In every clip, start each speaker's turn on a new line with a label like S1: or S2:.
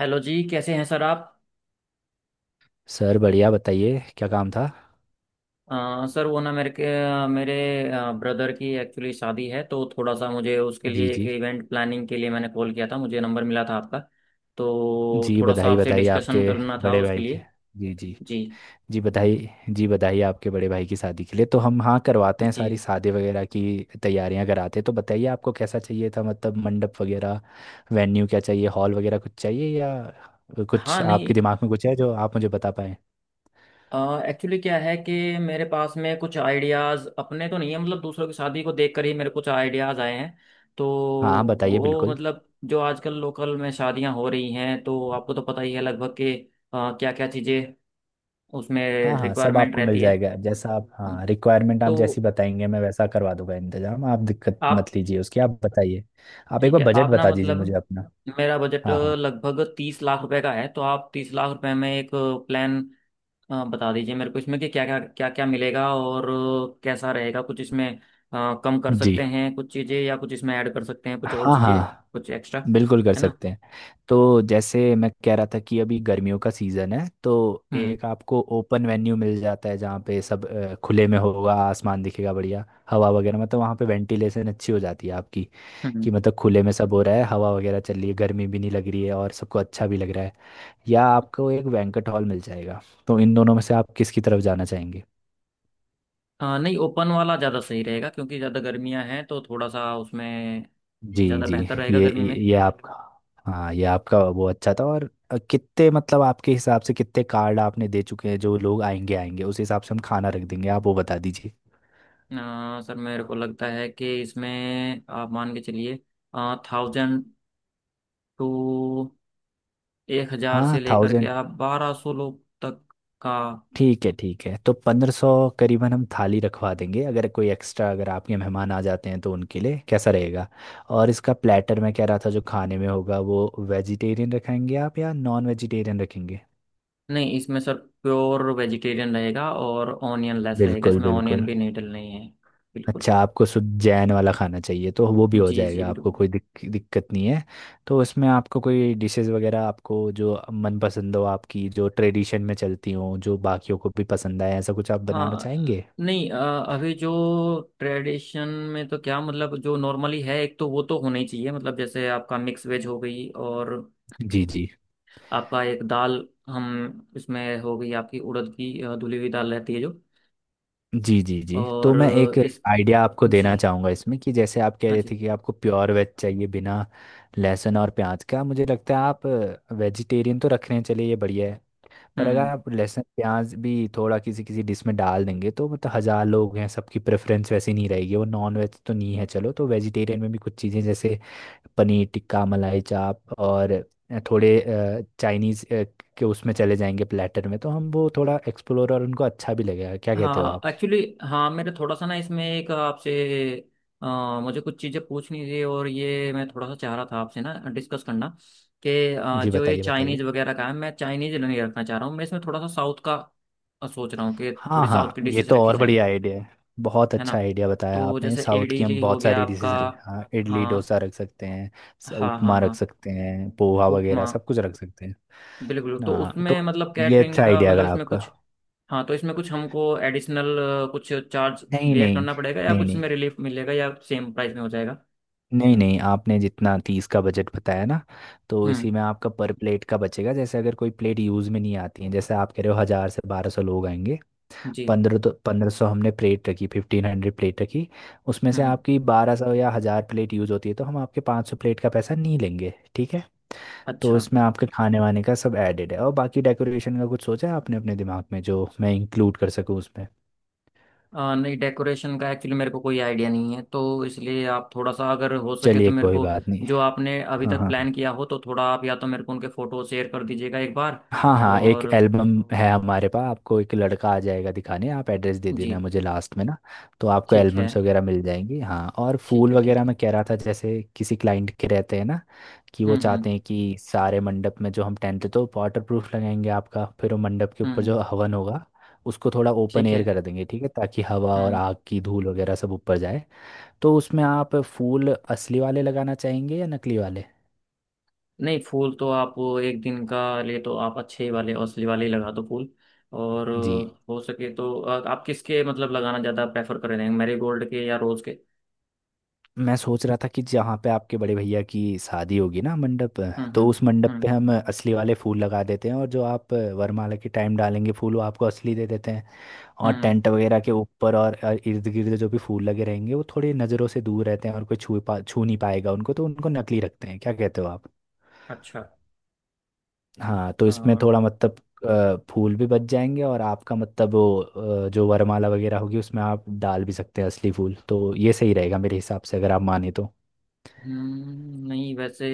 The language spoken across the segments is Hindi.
S1: हेलो जी, कैसे हैं सर आप?
S2: सर बढ़िया। बताइए क्या काम था।
S1: सर, वो ना मेरे ब्रदर की एक्चुअली शादी है तो थोड़ा सा मुझे उसके
S2: जी
S1: लिए एक
S2: जी।
S1: इवेंट प्लानिंग के लिए मैंने कॉल किया था, मुझे नंबर मिला था आपका। तो
S2: जी
S1: थोड़ा सा
S2: बधाई
S1: आपसे
S2: बधाई आपके
S1: डिस्कशन करना था
S2: बड़े
S1: उसके
S2: भाई के।
S1: लिए।
S2: जी जी।
S1: जी
S2: जी बधाई। जी बधाई आपके बड़े भाई की शादी के लिए, तो हम, हाँ, करवाते हैं सारी
S1: जी।
S2: शादी वगैरह की तैयारियां कराते हैं। तो बताइए आपको कैसा चाहिए था, मतलब मंडप वगैरह, वेन्यू क्या चाहिए, हॉल वगैरह कुछ चाहिए, या
S1: हाँ
S2: कुछ आपके
S1: नहीं,
S2: दिमाग में कुछ है जो आप मुझे बता पाएँ।
S1: एक्चुअली क्या है कि मेरे पास में कुछ आइडियाज़ अपने तो नहीं है, मतलब दूसरों की शादी को देखकर ही मेरे कुछ आइडियाज़ आए हैं। तो
S2: हाँ हाँ, बताइए
S1: वो
S2: बिल्कुल।
S1: मतलब जो आजकल लोकल में शादियां हो रही हैं तो आपको तो पता ही है लगभग के क्या क्या चीज़ें उसमें
S2: हाँ हाँ, सब
S1: रिक्वायरमेंट
S2: आपको मिल
S1: रहती है।
S2: जाएगा जैसा आप, हाँ, रिक्वायरमेंट
S1: तो
S2: आप जैसी बताएंगे मैं वैसा करवा दूंगा इंतजाम, आप दिक्कत
S1: आप
S2: मत लीजिए उसकी, आप बताइए। आप एक
S1: ठीक
S2: बार
S1: है,
S2: बजट
S1: आप ना
S2: बता दीजिए
S1: मतलब
S2: मुझे अपना।
S1: मेरा बजट
S2: हाँ हाँ।
S1: लगभग 30 लाख रुपए का है। तो आप 30 लाख रुपए में एक प्लान बता दीजिए मेरे को, इसमें कि क्या क्या मिलेगा और कैसा रहेगा कुछ इसमें। कम कर
S2: जी।
S1: सकते हैं कुछ चीज़ें या कुछ इसमें ऐड कर सकते हैं कुछ और
S2: हाँ
S1: चीज़ें।
S2: हाँ,
S1: कुछ एक्स्ट्रा,
S2: बिल्कुल कर
S1: है ना?
S2: सकते हैं। तो जैसे मैं कह रहा था कि अभी गर्मियों का सीज़न है, तो
S1: हम्म।
S2: एक आपको ओपन वेन्यू मिल जाता है जहाँ पे सब खुले में होगा, आसमान दिखेगा, बढ़िया हवा वगैरह, मतलब वहाँ पे वेंटिलेशन अच्छी हो जाती है आपकी,
S1: हम्म।
S2: कि मतलब खुले में सब हो रहा है, हवा वगैरह चल रही है, गर्मी भी नहीं लग रही है, और सबको अच्छा भी लग रहा है। या आपको एक बैंक्वेट हॉल मिल जाएगा, तो इन दोनों में से आप किसकी तरफ जाना चाहेंगे।
S1: नहीं, ओपन वाला ज़्यादा सही रहेगा क्योंकि ज़्यादा गर्मियां हैं तो थोड़ा सा उसमें
S2: जी
S1: ज़्यादा
S2: जी।
S1: बेहतर रहेगा
S2: ये
S1: गर्मी
S2: ये
S1: में।
S2: ये आपका, हाँ, ये आपका वो अच्छा था। और कितने, मतलब आपके हिसाब से कितने कार्ड आपने दे चुके हैं, जो लोग आएंगे आएंगे उस हिसाब से हम खाना रख देंगे, आप वो बता दीजिए।
S1: सर, मेरे को लगता है कि इसमें आप मान के चलिए थाउजेंड टू 1,000
S2: हाँ,
S1: से लेकर के
S2: 1000।
S1: आप 1,200 लोग तक का।
S2: ठीक है ठीक है, तो 1500 करीबन हम थाली रखवा देंगे, अगर कोई एक्स्ट्रा अगर आपके मेहमान आ जाते हैं तो उनके लिए कैसा रहेगा। और इसका प्लेटर मैं कह रहा था जो खाने में होगा वो, वेजिटेरियन रखेंगे आप या नॉन वेजिटेरियन रखेंगे।
S1: नहीं इसमें सर प्योर वेजिटेरियन रहेगा और ऑनियन लेस रहेगा,
S2: बिल्कुल
S1: इसमें ऑनियन
S2: बिल्कुल।
S1: भी नहीं डलनी है। बिल्कुल।
S2: अच्छा, आपको शुद्ध जैन वाला खाना चाहिए तो वो भी हो
S1: जी जी
S2: जाएगा, आपको
S1: बिल्कुल।
S2: कोई दिक्कत नहीं है। तो उसमें आपको कोई डिशेस वगैरह, आपको जो मनपसंद हो आपकी, जो ट्रेडिशन में चलती हो, जो बाकियों को भी पसंद आए, ऐसा कुछ आप बनाना
S1: हाँ
S2: चाहेंगे।
S1: नहीं, अभी जो ट्रेडिशन में तो क्या मतलब जो नॉर्मली है एक तो वो तो होना ही चाहिए। मतलब जैसे आपका मिक्स वेज हो गई और
S2: जी जी।
S1: आपका एक दाल, हम इसमें हो गई आपकी उड़द की धुली हुई दाल रहती है जो।
S2: जी जी। जी, तो
S1: और
S2: मैं
S1: अ,
S2: एक
S1: इस
S2: आइडिया आपको देना
S1: जी।
S2: चाहूँगा इसमें, कि जैसे आप कह
S1: हाँ
S2: रहे थे
S1: जी।
S2: कि आपको प्योर वेज चाहिए बिना लहसुन और प्याज का, मुझे लगता है आप वेजिटेरियन तो रखने चले ये बढ़िया है, पर अगर
S1: हम्म।
S2: आप लहसुन प्याज भी थोड़ा किसी किसी डिश में डाल देंगे, तो मतलब 1000 लोग हैं सबकी प्रेफरेंस वैसी नहीं रहेगी, वो नॉन वेज तो नहीं है चलो, तो वेजिटेरियन में भी कुछ चीज़ें जैसे पनीर टिक्का, मलाई चाप, और थोड़े चाइनीज़ के उसमें चले जाएंगे प्लेटर में, तो हम वो थोड़ा एक्सप्लोर और उनको अच्छा भी लगेगा, क्या कहते हो
S1: हाँ
S2: आप।
S1: एक्चुअली, हाँ मेरे थोड़ा सा ना इसमें एक आपसे मुझे कुछ चीज़ें पूछनी थी और ये मैं थोड़ा सा चाह रहा था आपसे ना डिस्कस करना कि
S2: जी
S1: जो ये
S2: बताइए बताइए।
S1: चाइनीज़ वगैरह का है, मैं चाइनीज़ नहीं रखना चाह रहा हूँ। मैं इसमें थोड़ा सा साउथ का सोच रहा हूँ कि
S2: हाँ
S1: थोड़ी साउथ
S2: हाँ,
S1: की
S2: ये
S1: डिशेस
S2: तो
S1: रखी
S2: और
S1: जाएँ,
S2: बढ़िया आइडिया है, बहुत
S1: है ना?
S2: अच्छा आइडिया बताया
S1: तो
S2: आपने।
S1: जैसे
S2: साउथ की हम
S1: इडली हो
S2: बहुत
S1: गया
S2: सारी
S1: आपका।
S2: डिशेज रख, हाँ, इडली
S1: हाँ
S2: डोसा रख सकते हैं,
S1: हाँ हाँ।
S2: उपमा रख
S1: हाँ
S2: सकते हैं, पोहा
S1: उपमा
S2: वगैरह सब कुछ रख सकते हैं।
S1: बिल्कुल। तो
S2: हाँ,
S1: उसमें
S2: तो
S1: मतलब
S2: ये
S1: कैटरिंग
S2: अच्छा
S1: का
S2: आइडिया
S1: मतलब
S2: था
S1: इसमें
S2: आपका।
S1: कुछ। हाँ तो इसमें कुछ हमको एडिशनल कुछ चार्ज
S2: नहीं
S1: बेयर
S2: नहीं।
S1: करना पड़ेगा या
S2: नहीं
S1: कुछ
S2: नहीं,
S1: इसमें रिलीफ मिलेगा या सेम प्राइस में हो जाएगा?
S2: नहीं नहीं आपने जितना 30 का बजट बताया ना, तो इसी
S1: हम्म।
S2: में आपका पर प्लेट का बचेगा, जैसे अगर कोई प्लेट यूज़ में नहीं आती है, जैसे आप कह रहे हो 1000 से 1200 लोग आएंगे।
S1: जी।
S2: पंद्रह, तो 1500 हमने प्लेट रखी, 1500 प्लेट रखी, उसमें से
S1: हम्म।
S2: आपकी 1200 या 1000 प्लेट यूज़ होती है, तो हम आपके 500 प्लेट का पैसा नहीं लेंगे, ठीक है। तो
S1: अच्छा।
S2: इसमें आपके खाने वाने का सब एडेड है, और बाकी डेकोरेशन का कुछ सोचा है आपने अपने दिमाग में जो मैं इंक्लूड कर सकूँ उसमें।
S1: नहीं, डेकोरेशन का एक्चुअली मेरे को कोई आइडिया नहीं है तो इसलिए आप थोड़ा सा, अगर हो सके तो
S2: चलिए
S1: मेरे
S2: कोई
S1: को
S2: बात नहीं।
S1: जो आपने अभी
S2: हाँ
S1: तक
S2: हाँ।
S1: प्लान किया हो तो थोड़ा आप या तो मेरे को उनके फोटो शेयर कर दीजिएगा एक बार।
S2: हाँ हाँ, एक
S1: और
S2: एल्बम है हमारे पास, आपको एक लड़का आ जाएगा दिखाने, आप एड्रेस दे
S1: जी।
S2: देना मुझे लास्ट में ना, तो आपको
S1: ठीक है
S2: एल्बम्स वगैरह मिल जाएंगी। हाँ, और
S1: ठीक
S2: फूल
S1: है ठीक
S2: वगैरह
S1: है।
S2: मैं कह रहा था, जैसे किसी क्लाइंट के रहते हैं ना, कि वो
S1: हम्म हम्म
S2: चाहते हैं कि सारे मंडप में, जो हम टेंट तो वाटर प्रूफ लगाएंगे आपका, फिर वो मंडप के ऊपर
S1: हम्म।
S2: जो हवन होगा उसको थोड़ा ओपन
S1: ठीक है।
S2: एयर कर देंगे, ठीक है, ताकि हवा और
S1: हम्म,
S2: आग की धूल वगैरह सब ऊपर जाए। तो उसमें आप फूल असली वाले लगाना चाहेंगे या नकली वाले।
S1: नहीं फूल तो आप एक दिन का ले तो आप अच्छे वाले असली वाले ही लगा दो फूल। और
S2: जी,
S1: हो सके तो आप किसके मतलब लगाना ज़्यादा प्रेफर करेंगे, मैरीगोल्ड के या रोज़ के?
S2: मैं सोच रहा था कि जहाँ पे आपके बड़े भैया की शादी होगी ना, मंडप,
S1: हम्म
S2: तो
S1: हम्म
S2: उस मंडप
S1: हम्म
S2: पे हम असली वाले फूल लगा देते हैं, और जो आप वरमाला के टाइम डालेंगे फूल वो आपको असली दे देते हैं। और
S1: हम्म।
S2: टेंट वगैरह के ऊपर और इर्द गिर्द जो भी फूल लगे रहेंगे वो थोड़ी नज़रों से दूर रहते हैं, और कोई छू पा छू नहीं पाएगा उनको, तो उनको नकली रखते हैं, क्या कहते हो आप।
S1: अच्छा।
S2: हाँ, तो
S1: अ,
S2: इसमें थोड़ा, मतलब, फूल भी बच जाएंगे, और आपका मतलब वो, जो वरमाला वगैरह होगी उसमें आप डाल भी सकते हैं असली फूल, तो ये सही रहेगा मेरे हिसाब से, अगर आप माने तो।
S1: हम्म, नहीं वैसे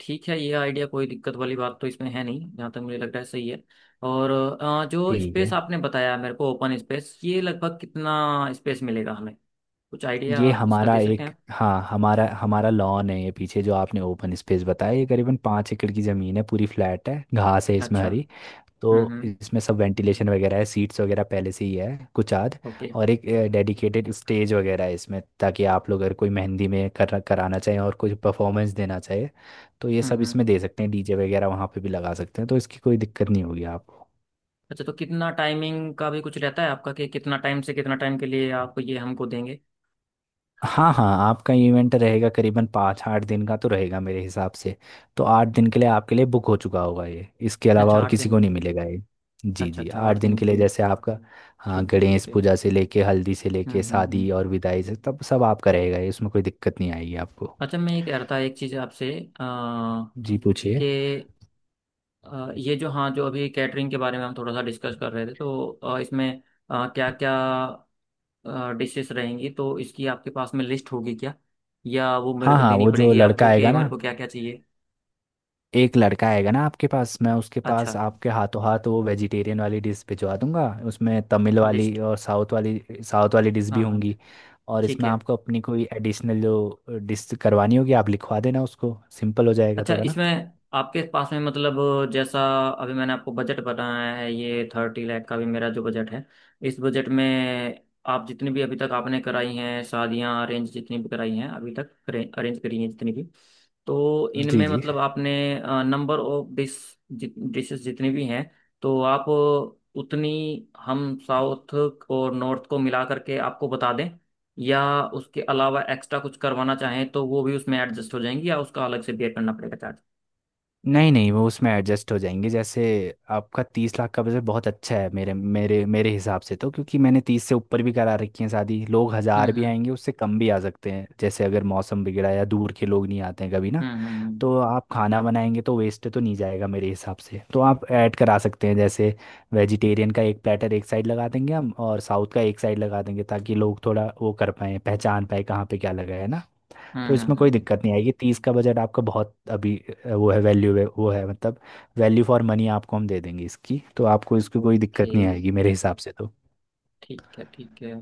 S1: ठीक है, ये आइडिया कोई दिक्कत वाली बात तो इसमें है नहीं, जहाँ तक मुझे लग रहा है सही है। और जो
S2: ठीक है।
S1: स्पेस आपने बताया मेरे को ओपन स्पेस, ये लगभग कितना स्पेस मिलेगा हमें? कुछ
S2: ये
S1: आइडिया इसका
S2: हमारा
S1: दे सकते
S2: एक,
S1: हैं आप?
S2: हाँ, हमारा हमारा लॉन है ये पीछे, जो आपने ओपन स्पेस बताया, ये करीबन 5 एकड़ की ज़मीन है, पूरी फ्लैट है, घास है इसमें
S1: अच्छा।
S2: हरी। तो
S1: हम्म।
S2: इसमें सब वेंटिलेशन वगैरह है, सीट्स वगैरह पहले से ही है कुछ आध,
S1: ओके।
S2: और एक डेडिकेटेड स्टेज वगैरह है इसमें, ताकि आप लोग अगर कोई मेहंदी में कर कराना चाहें और कुछ परफॉर्मेंस देना चाहे, तो ये सब
S1: हम्म।
S2: इसमें दे सकते हैं। डीजे वगैरह वहाँ पे भी लगा सकते हैं, तो इसकी कोई दिक्कत नहीं होगी आपको।
S1: अच्छा, तो कितना टाइमिंग का भी कुछ रहता है आपका कि कितना टाइम से कितना टाइम के लिए आप ये हमको देंगे?
S2: हाँ हाँ, आपका इवेंट रहेगा करीबन पाँच आठ दिन का तो रहेगा मेरे हिसाब से, तो 8 दिन के लिए आपके लिए बुक हो चुका होगा ये, इसके अलावा
S1: अच्छा,
S2: और
S1: आठ
S2: किसी
S1: दिन
S2: को
S1: के।
S2: नहीं मिलेगा ये। जी
S1: अच्छा
S2: जी,
S1: अच्छा,
S2: आठ
S1: आठ
S2: दिन
S1: दिन के
S2: के लिए,
S1: लिए।
S2: जैसे आपका, हाँ,
S1: ठीक है
S2: गणेश
S1: ठीक है।
S2: पूजा से लेके हल्दी से लेके
S1: हम्म।
S2: शादी और विदाई से तब सब आपका रहेगा ये, इसमें कोई दिक्कत नहीं आएगी आपको।
S1: अच्छा, मैं ये कह रहा था एक चीज़ आपसे अ,
S2: जी पूछिए।
S1: कि ये जो, हाँ जो अभी कैटरिंग के बारे में हम थोड़ा सा डिस्कस कर रहे थे तो इसमें क्या क्या डिशेस रहेंगी, तो इसकी आपके पास में लिस्ट होगी क्या? या वो मेरे
S2: हाँ
S1: को
S2: हाँ,
S1: देनी
S2: वो जो
S1: पड़ेगी
S2: लड़का
S1: आपको कि
S2: आएगा ना,
S1: मेरे को क्या क्या चाहिए?
S2: एक लड़का आएगा ना आपके पास, मैं उसके
S1: अच्छा,
S2: पास आपके हाथों हाथ वो वेजिटेरियन वाली डिश भिजवा दूंगा, उसमें तमिल वाली
S1: लिस्ट।
S2: और साउथ वाली, साउथ वाली डिश भी
S1: हाँ हाँ।
S2: होंगी। और
S1: ठीक
S2: इसमें
S1: है।
S2: आपको अपनी कोई एडिशनल जो डिश करवानी होगी आप लिखवा देना उसको, सिंपल हो जाएगा
S1: अच्छा,
S2: थोड़ा ना।
S1: इसमें आपके पास में मतलब जैसा अभी मैंने आपको बजट बताया है, ये 30 लाख का भी मेरा जो बजट है, इस बजट में आप जितनी भी अभी तक आपने कराई हैं शादियां अरेंज, जितनी भी कराई हैं अभी तक अरेंज करी हैं जितनी भी, तो
S2: जी
S1: इनमें
S2: जी।
S1: मतलब आपने नंबर ऑफ डिशेस जितनी भी हैं, तो आप उतनी हम साउथ और नॉर्थ को मिला करके आपको बता दें, या उसके अलावा एक्स्ट्रा कुछ करवाना चाहें तो वो भी उसमें एडजस्ट हो जाएंगी या उसका अलग से बेयर करना पड़ेगा चार्ज?
S2: नहीं नहीं, वो उसमें एडजस्ट हो जाएंगे। जैसे आपका 30 लाख का बजट बहुत अच्छा है मेरे मेरे मेरे हिसाब से, तो क्योंकि मैंने 30 से ऊपर भी करा रखी है शादी, लोग 1000 भी
S1: हम्म
S2: आएंगे उससे कम भी आ सकते हैं, जैसे अगर मौसम बिगड़ा या दूर के लोग नहीं आते हैं कभी ना,
S1: हम्म हम्म हम्म
S2: तो आप खाना बनाएंगे तो वेस्ट तो नहीं जाएगा मेरे हिसाब से, तो आप ऐड करा सकते हैं। जैसे वेजिटेरियन का एक प्लेटर एक साइड लगा देंगे हम, और साउथ का एक साइड लगा देंगे, ताकि लोग थोड़ा वो कर पाए, पहचान पाए कहाँ पे क्या लगा है ना। तो इसमें कोई
S1: हम्म।
S2: दिक्कत नहीं आएगी, 30 का बजट आपका बहुत अभी वो है, वैल्यू है वो, है मतलब, वैल्यू फॉर मनी आपको हम दे देंगे इसकी, तो आपको इसकी कोई
S1: ओके।
S2: दिक्कत नहीं आएगी मेरे हिसाब से।
S1: ठीक है ठीक है।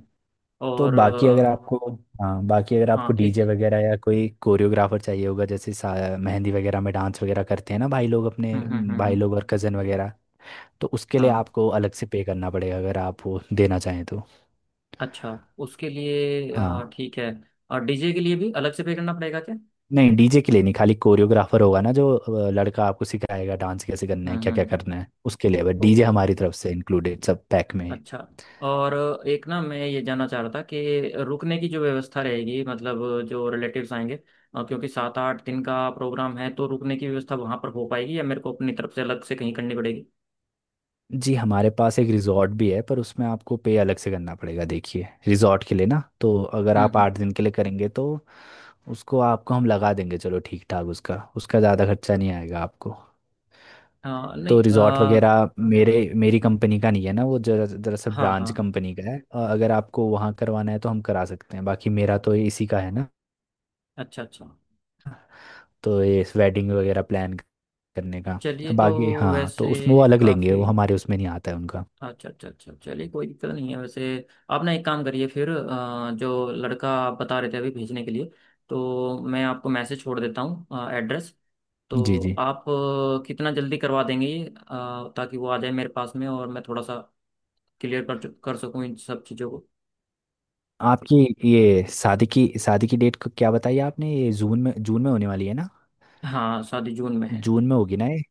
S2: तो
S1: और
S2: बाकी अगर आपको, हाँ, बाकी अगर आपको
S1: हाँ
S2: डीजे
S1: एक।
S2: वगैरह या कोई कोरियोग्राफर चाहिए होगा, जैसे मेहंदी वगैरह में डांस वगैरह करते हैं ना भाई लोग अपने,
S1: हम्म हम्म हम्म
S2: भाई
S1: हम्म,
S2: लोग और कज़न वगैरह, तो उसके लिए
S1: हाँ।
S2: आपको अलग से पे करना पड़ेगा अगर आप वो देना चाहें तो।
S1: अच्छा, उसके लिए
S2: हाँ।
S1: ठीक है। और डीजे के लिए भी अलग से पे करना पड़ेगा क्या?
S2: नहीं, डीजे के लिए नहीं, खाली कोरियोग्राफर होगा ना, जो लड़का आपको सिखाएगा डांस कैसे करना है क्या क्या
S1: हम्म।
S2: करना है, उसके लिए बस, डीजे
S1: ओके।
S2: हमारी तरफ से इंक्लूडेड सब पैक में है।
S1: अच्छा। और एक ना मैं ये जानना चाह रहा था कि रुकने की जो व्यवस्था रहेगी, मतलब जो रिलेटिव्स आएंगे, क्योंकि 7-8 दिन का प्रोग्राम है तो रुकने की व्यवस्था वहां पर हो पाएगी या मेरे को अपनी तरफ से अलग से कहीं करनी पड़ेगी?
S2: जी, हमारे पास एक रिजॉर्ट भी है, पर उसमें आपको पे अलग से करना पड़ेगा, देखिए रिजॉर्ट के लिए ना, तो अगर आप
S1: हम्म।
S2: 8 दिन के लिए करेंगे तो उसको आपको हम लगा देंगे, चलो ठीक ठाक, उसका उसका ज़्यादा खर्चा नहीं आएगा आपको।
S1: हाँ
S2: तो
S1: नहीं
S2: रिजॉर्ट वगैरह, मेरे, मेरी कंपनी का नहीं है ना वो जरा, दरअसल
S1: हाँ
S2: ब्रांच
S1: हाँ।
S2: कंपनी का है, अगर आपको वहाँ करवाना है तो हम करा सकते हैं, बाकी मेरा तो ये इसी का है ना,
S1: अच्छा अच्छा,
S2: तो ये वेडिंग वगैरह प्लान करने का।
S1: चलिए तो
S2: बाकी, हाँ, तो उसमें वो
S1: वैसे
S2: अलग लेंगे, वो
S1: काफी।
S2: हमारे उसमें नहीं आता है उनका।
S1: अच्छा अच्छा अच्छा, चलिए कोई दिक्कत नहीं है वैसे। आप ना एक काम करिए फिर, जो लड़का आप बता रहे थे अभी भेजने के लिए, तो मैं आपको मैसेज छोड़ देता हूँ एड्रेस।
S2: जी
S1: तो
S2: जी।
S1: आप कितना जल्दी करवा देंगे ये, ताकि वो आ जाए मेरे पास में और मैं थोड़ा सा क्लियर कर सकूँ इन सब चीज़ों को।
S2: आपकी ये शादी की डेट को क्या बताई आपने, ये जून में, होने वाली है ना।
S1: हाँ, शादी जून में है।
S2: जून में होगी ना ये।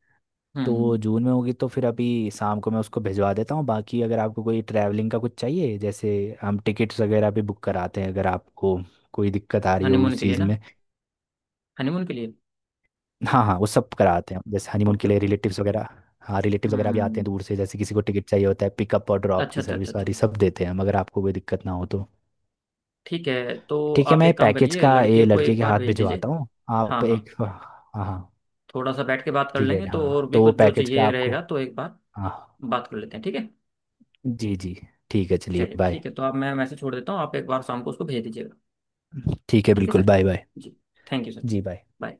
S1: हम्म
S2: तो
S1: हम्म,
S2: जून में होगी तो फिर अभी शाम को मैं उसको भिजवा देता हूँ, बाकी अगर आपको कोई ट्रैवलिंग का कुछ चाहिए, जैसे हम टिकट्स वगैरह भी बुक कराते हैं अगर आपको कोई दिक्कत आ रही हो
S1: हनीमून
S2: उस
S1: के लिए
S2: चीज़
S1: ना,
S2: में।
S1: हनीमून के लिए।
S2: हाँ हाँ, वो सब कराते हैं, जैसे हनीमून
S1: ओके
S2: के लिए
S1: ओके।
S2: रिलेटिव्स वगैरह, हाँ रिलेटिव्स वगैरह भी आते
S1: हम्म।
S2: हैं दूर से, जैसे किसी को टिकट चाहिए होता है, पिकअप और ड्रॉप
S1: अच्छा
S2: की
S1: अच्छा अच्छा
S2: सर्विस
S1: अच्छा,
S2: वाली सब देते हैं हम, अगर आपको कोई दिक्कत ना हो तो।
S1: ठीक है तो
S2: ठीक है,
S1: आप
S2: मैं
S1: एक काम
S2: पैकेज
S1: करिए,
S2: का
S1: लड़के
S2: ये
S1: को
S2: लड़के
S1: एक
S2: के
S1: बार
S2: हाथ
S1: भेज दीजिए।
S2: भिजवाता हूँ।
S1: हाँ
S2: आप
S1: हाँ,
S2: एक, हाँ। हाँ।
S1: थोड़ा सा बैठ के बात कर
S2: ठीक है
S1: लेंगे तो और
S2: हाँ,
S1: भी
S2: तो वो
S1: कुछ जो
S2: पैकेज का
S1: चाहिए
S2: आपको,
S1: रहेगा तो एक बार
S2: हाँ,
S1: बात कर लेते हैं, ठीक है?
S2: जी जी, ठीक है चलिए
S1: चलिए
S2: बाय।
S1: ठीक है, तो आप, मैं मैसेज छोड़ देता हूँ, आप एक बार शाम को उसको भेज दीजिएगा।
S2: ठीक है
S1: ठीक है
S2: बिल्कुल,
S1: सर।
S2: Bye bye.
S1: जी। Thank you sir.
S2: जी बाय।
S1: बाय।